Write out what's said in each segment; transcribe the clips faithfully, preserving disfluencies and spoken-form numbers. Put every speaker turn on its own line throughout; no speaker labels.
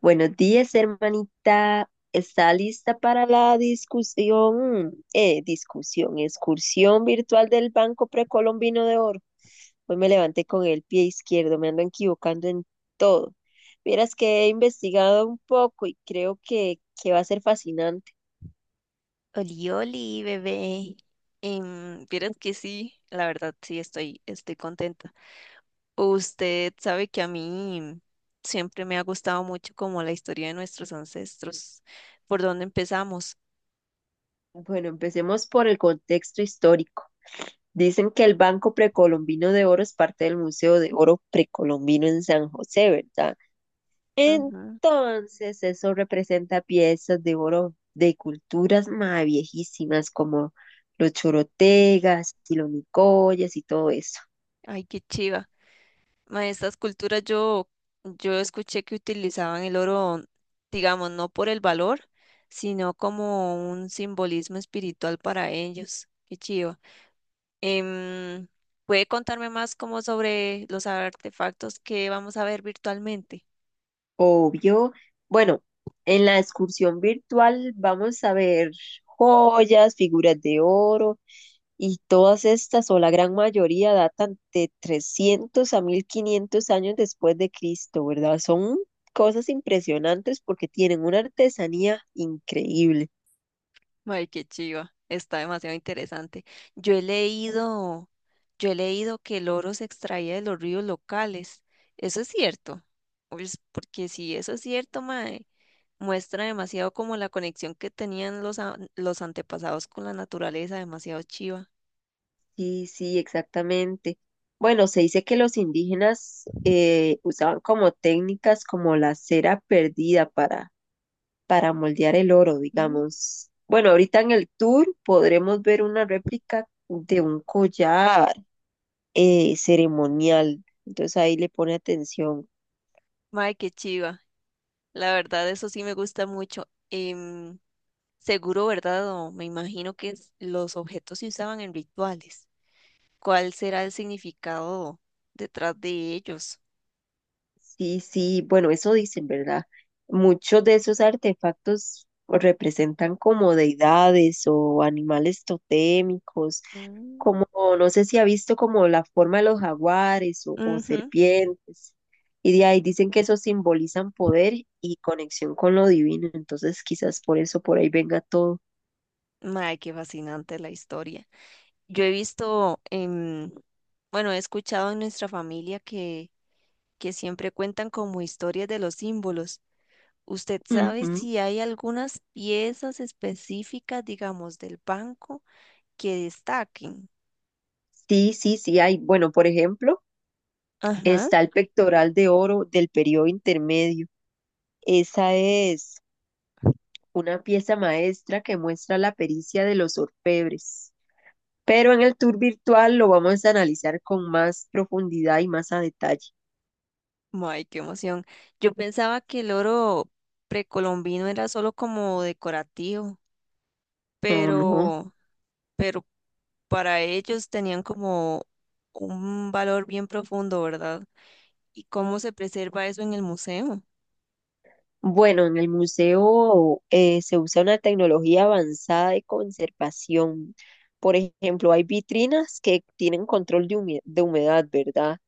Buenos días, hermanita. ¿Está lista para la discusión, eh, discusión, excursión virtual del Banco Precolombino de Oro? Hoy me levanté con el pie izquierdo, me ando equivocando en todo. Vieras que he investigado un poco y creo que, que va a ser fascinante.
Oli, oli, bebé. Em, vieras que sí, la verdad sí estoy, estoy contenta. Usted sabe que a mí siempre me ha gustado mucho como la historia de nuestros ancestros, por dónde empezamos.
Bueno, empecemos por el contexto histórico. Dicen que el Banco Precolombino de Oro es parte del Museo de Oro Precolombino en San José, ¿verdad?
Ujú.
Entonces, eso representa piezas de oro de culturas más viejísimas como los chorotegas y los nicoyas y todo eso.
Ay, qué chiva. Ma, estas culturas yo, yo escuché que utilizaban el oro, digamos, no por el valor, sino como un simbolismo espiritual para ellos. Qué chiva. Em, ¿Puede contarme más como sobre los artefactos que vamos a ver virtualmente?
Obvio. Bueno, en la excursión virtual vamos a ver joyas, figuras de oro y todas estas o la gran mayoría datan de trescientos a mil quinientos años después de Cristo, ¿verdad? Son cosas impresionantes porque tienen una artesanía increíble.
Ay, qué chiva. Está demasiado interesante. Yo he leído, yo he leído que el oro se extraía de los ríos locales. Eso es cierto. Pues, porque si eso es cierto, mae, muestra demasiado como la conexión que tenían los, a- los antepasados con la naturaleza, demasiado chiva.
Sí, sí, exactamente. Bueno, se dice que los indígenas eh, usaban como técnicas como la cera perdida para, para moldear el oro,
Mm.
digamos. Bueno, ahorita en el tour podremos ver una réplica de un collar eh, ceremonial. Entonces ahí le pone atención.
Mae, qué chiva. La verdad, eso sí me gusta mucho. Em, Seguro, ¿verdad? O me imagino que es- los objetos se usaban en rituales. ¿Cuál será el significado detrás de ellos?
Sí, sí, bueno, eso dicen, ¿verdad? Muchos de esos artefactos representan como deidades o animales totémicos
Mm,
como no sé si ha visto como la forma de los jaguares o, o
ujú.
serpientes, y de ahí dicen que eso simbolizan poder y conexión con lo divino, entonces quizás por eso por ahí venga todo.
Mae, qué fascinante la historia. Yo he visto, em, bueno, he escuchado en nuestra familia que, que siempre cuentan como historias de los símbolos. ¿Usted sabe
Ujú.
si hay algunas piezas específicas, digamos, del banco que destaquen?
Sí, sí, sí, hay, bueno, por ejemplo,
Ajá.
está el pectoral de oro del periodo intermedio. Esa es una pieza maestra que muestra la pericia de los orfebres, pero en el tour virtual lo vamos a analizar con más profundidad y más a detalle.
¡Ay, qué emoción! Yo pensaba que el oro precolombino era solo como decorativo,
No, no.
pero... pero para ellos tenían como un valor bien profundo, ¿verdad? ¿Y cómo se preserva eso en el museo?
Bueno, en el museo eh, se usa una tecnología avanzada de conservación. Por ejemplo, hay vitrinas que tienen control de hume- de humedad, ¿verdad?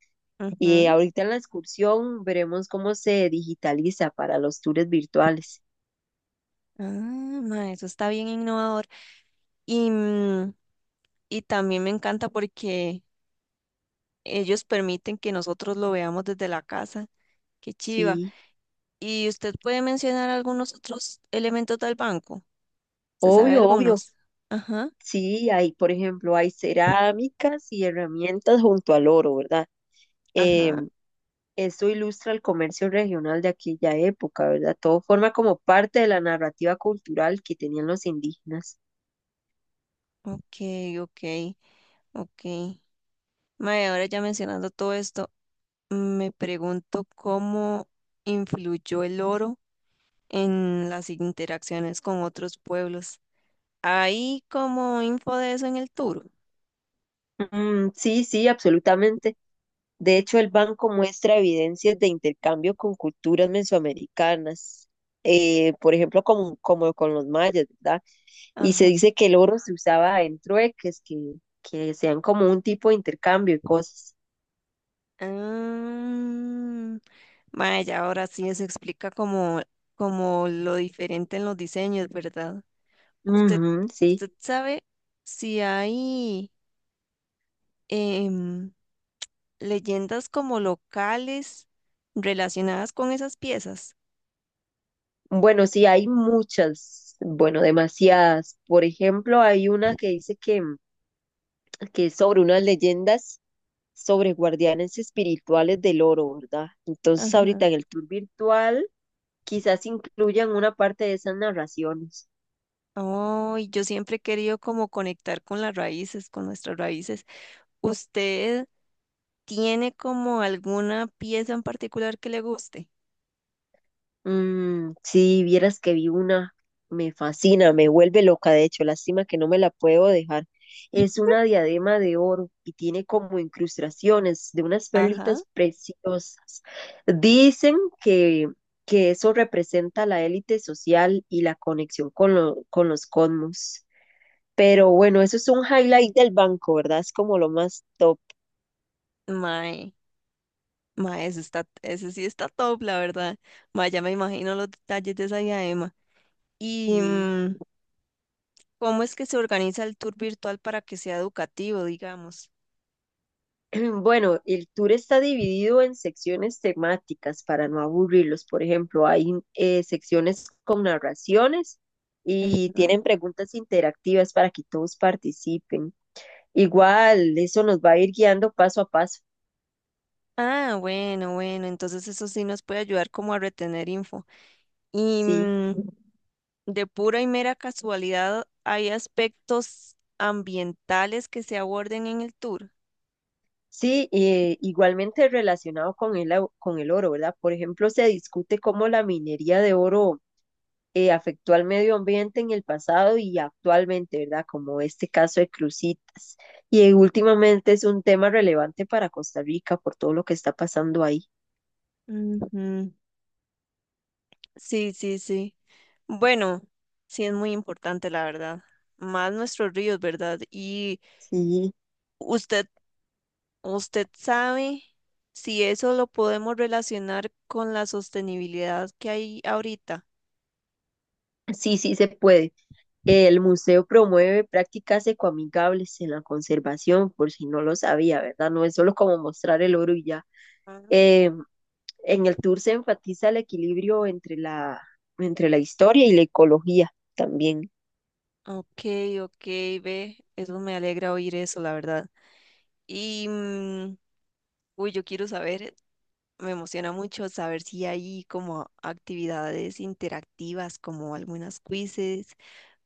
Y
Ujú.
ahorita en la excursión veremos cómo se digitaliza para los tours virtuales.
Ah, ma, eso está bien innovador. Y, mm, y también me encanta porque ellos permiten que nosotros lo veamos desde la casa. Qué chiva.
Sí,
¿Y usted puede mencionar algunos otros elementos del banco? ¿Se sabe
obvio, obvio.
algunos? Ajá,
Sí, hay, por ejemplo, hay cerámicas y herramientas junto al oro, ¿verdad?
ajá.
Em, Esto ilustra el comercio regional de aquella época, ¿verdad? Todo forma como parte de la narrativa cultural que tenían los indígenas.
Ok, ok, ok. Mae, ahora ya mencionando todo esto. Me pregunto cómo influyó el oro en las interacciones con otros pueblos. ¿Hay como info de eso en el tour?
Mm, sí, sí, absolutamente. De hecho, el banco muestra evidencias de intercambio con culturas mesoamericanas, eh, por ejemplo, como, como con los mayas, ¿verdad? Y se
Ajá.
dice que el oro se usaba en trueques, que, que sean como un tipo de intercambio y cosas.
Ah, vaya, ahora sí eso explica como, como lo diferente en los diseños, ¿verdad? ¿Usted,
Ujú, sí.
¿Usted sabe si hay em, leyendas como locales relacionadas con esas piezas?
Bueno, sí, hay muchas, bueno, demasiadas. Por ejemplo, hay una que dice que, que es sobre unas leyendas sobre guardianes espirituales del oro, ¿verdad? Entonces,
Ajá.
ahorita en el tour virtual quizás incluyan una parte de esas narraciones.
Oh, y yo siempre he querido como conectar con las raíces, con nuestras raíces. ¿Usted tiene como alguna pieza en particular que le guste?
Mm, sí, vieras que vi una, me fascina, me vuelve loca, de hecho, lástima que no me la puedo dejar. Es una diadema de oro y tiene como incrustaciones de unas
Ajá.
perlitas preciosas. Dicen que, que eso representa la élite social y la conexión con, lo- con los cosmos. Pero bueno, eso es un highlight del banco, ¿verdad? Es como lo más top.
Mae, mae, eso está, eso sí está top, la verdad. Mae, ya me imagino los detalles de esa diadema. ¿Y
Sí.
mm, cómo es que se organiza el tour virtual para que sea educativo, digamos?
Bueno, el tour está dividido en secciones temáticas para no aburrirlos. Por ejemplo, hay eh, secciones con narraciones
Ujú.
y tienen preguntas interactivas para que todos participen. Igual, eso nos va a ir guiando paso a paso.
Ah, bueno, bueno, entonces eso sí nos puede ayudar como a retener info. Y
Sí,
mm, de pura y mera casualidad, ¿hay aspectos ambientales que se aborden en el tour?
sí, eh, igualmente relacionado con el, au- con el oro, ¿verdad? Por ejemplo, se discute cómo la minería de oro eh, afectó al medio ambiente en el pasado y actualmente, ¿verdad? Como este caso de Cruzitas. Y eh, últimamente es un tema relevante para Costa Rica por todo lo que está pasando ahí.
Ujú. Sí, sí, sí. Bueno, sí es muy importante, la verdad. Más nuestros ríos, ¿verdad? Y
Sí,
usted, usted sabe si eso lo podemos relacionar con la sostenibilidad que hay ahorita.
sí, sí se puede. El museo promueve prácticas ecoamigables en la conservación, por si no lo sabía, ¿verdad? No es solo como mostrar el oro y ya.
Ah,
Eh, en el tour se enfatiza el equilibrio entre la, entre la historia y la ecología también.
ok, ok, ve, eso me alegra oír eso, la verdad. Y, mm, uy, yo quiero saber, me emociona mucho saber si hay como actividades interactivas, como algunas quizzes,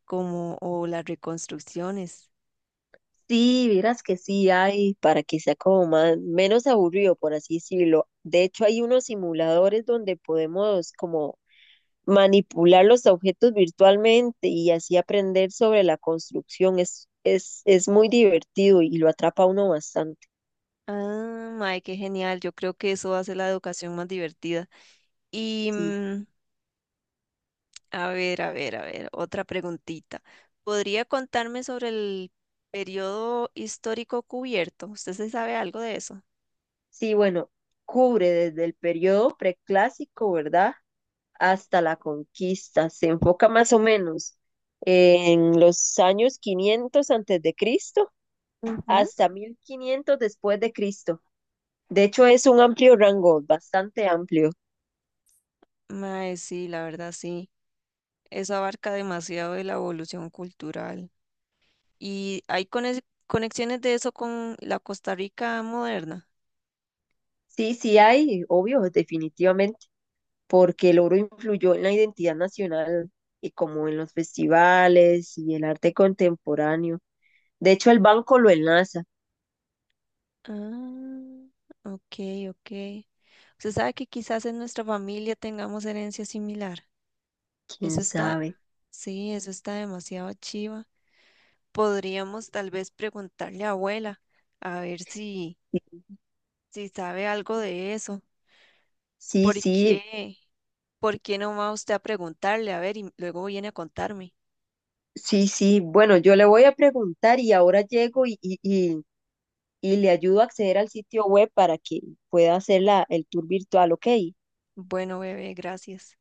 como, o las reconstrucciones.
Sí, vieras que sí hay para que sea como más, menos aburrido, por así decirlo. De hecho, hay unos simuladores donde podemos como manipular los objetos virtualmente y así aprender sobre la construcción. Es, es, es muy divertido y lo atrapa a uno bastante.
Ah, mae, qué genial, yo creo que eso hace la educación más divertida. Y,
Sí,
mm, a ver, a ver, a ver, otra preguntita. ¿Podría contarme sobre el periodo histórico cubierto? ¿Usted se sabe algo de eso?
sí, bueno, cubre desde el periodo preclásico, ¿verdad? Hasta la conquista. Se enfoca más o menos en los años quinientos antes de Cristo
Ujú.
hasta mil quinientos después de Cristo. De hecho, es un amplio rango, bastante amplio.
Mae, sí, la verdad sí. Eso abarca demasiado de la evolución cultural. ¿Y hay conex- conexiones de eso con la Costa Rica moderna?
Sí, sí hay, obvio, definitivamente, porque el oro influyó en la identidad nacional y como en los festivales y el arte contemporáneo. De hecho, el banco lo enlaza,
Ah, ok, ok. Usted sabe que quizás en nuestra familia tengamos herencia similar. Eso
quién
está,
sabe.
sí, eso está demasiado chiva. Podríamos tal vez preguntarle a abuela a ver si, si sabe algo de eso.
Sí,
¿Por
sí,
qué? ¿Por qué no va usted a preguntarle? A ver, y luego viene a contarme.
sí, sí. Bueno, yo le voy a preguntar y ahora llego y, y, y, y le ayudo a acceder al sitio web para que pueda hacer la, el tour virtual, ¿ok?
Bueno, bebé, gracias.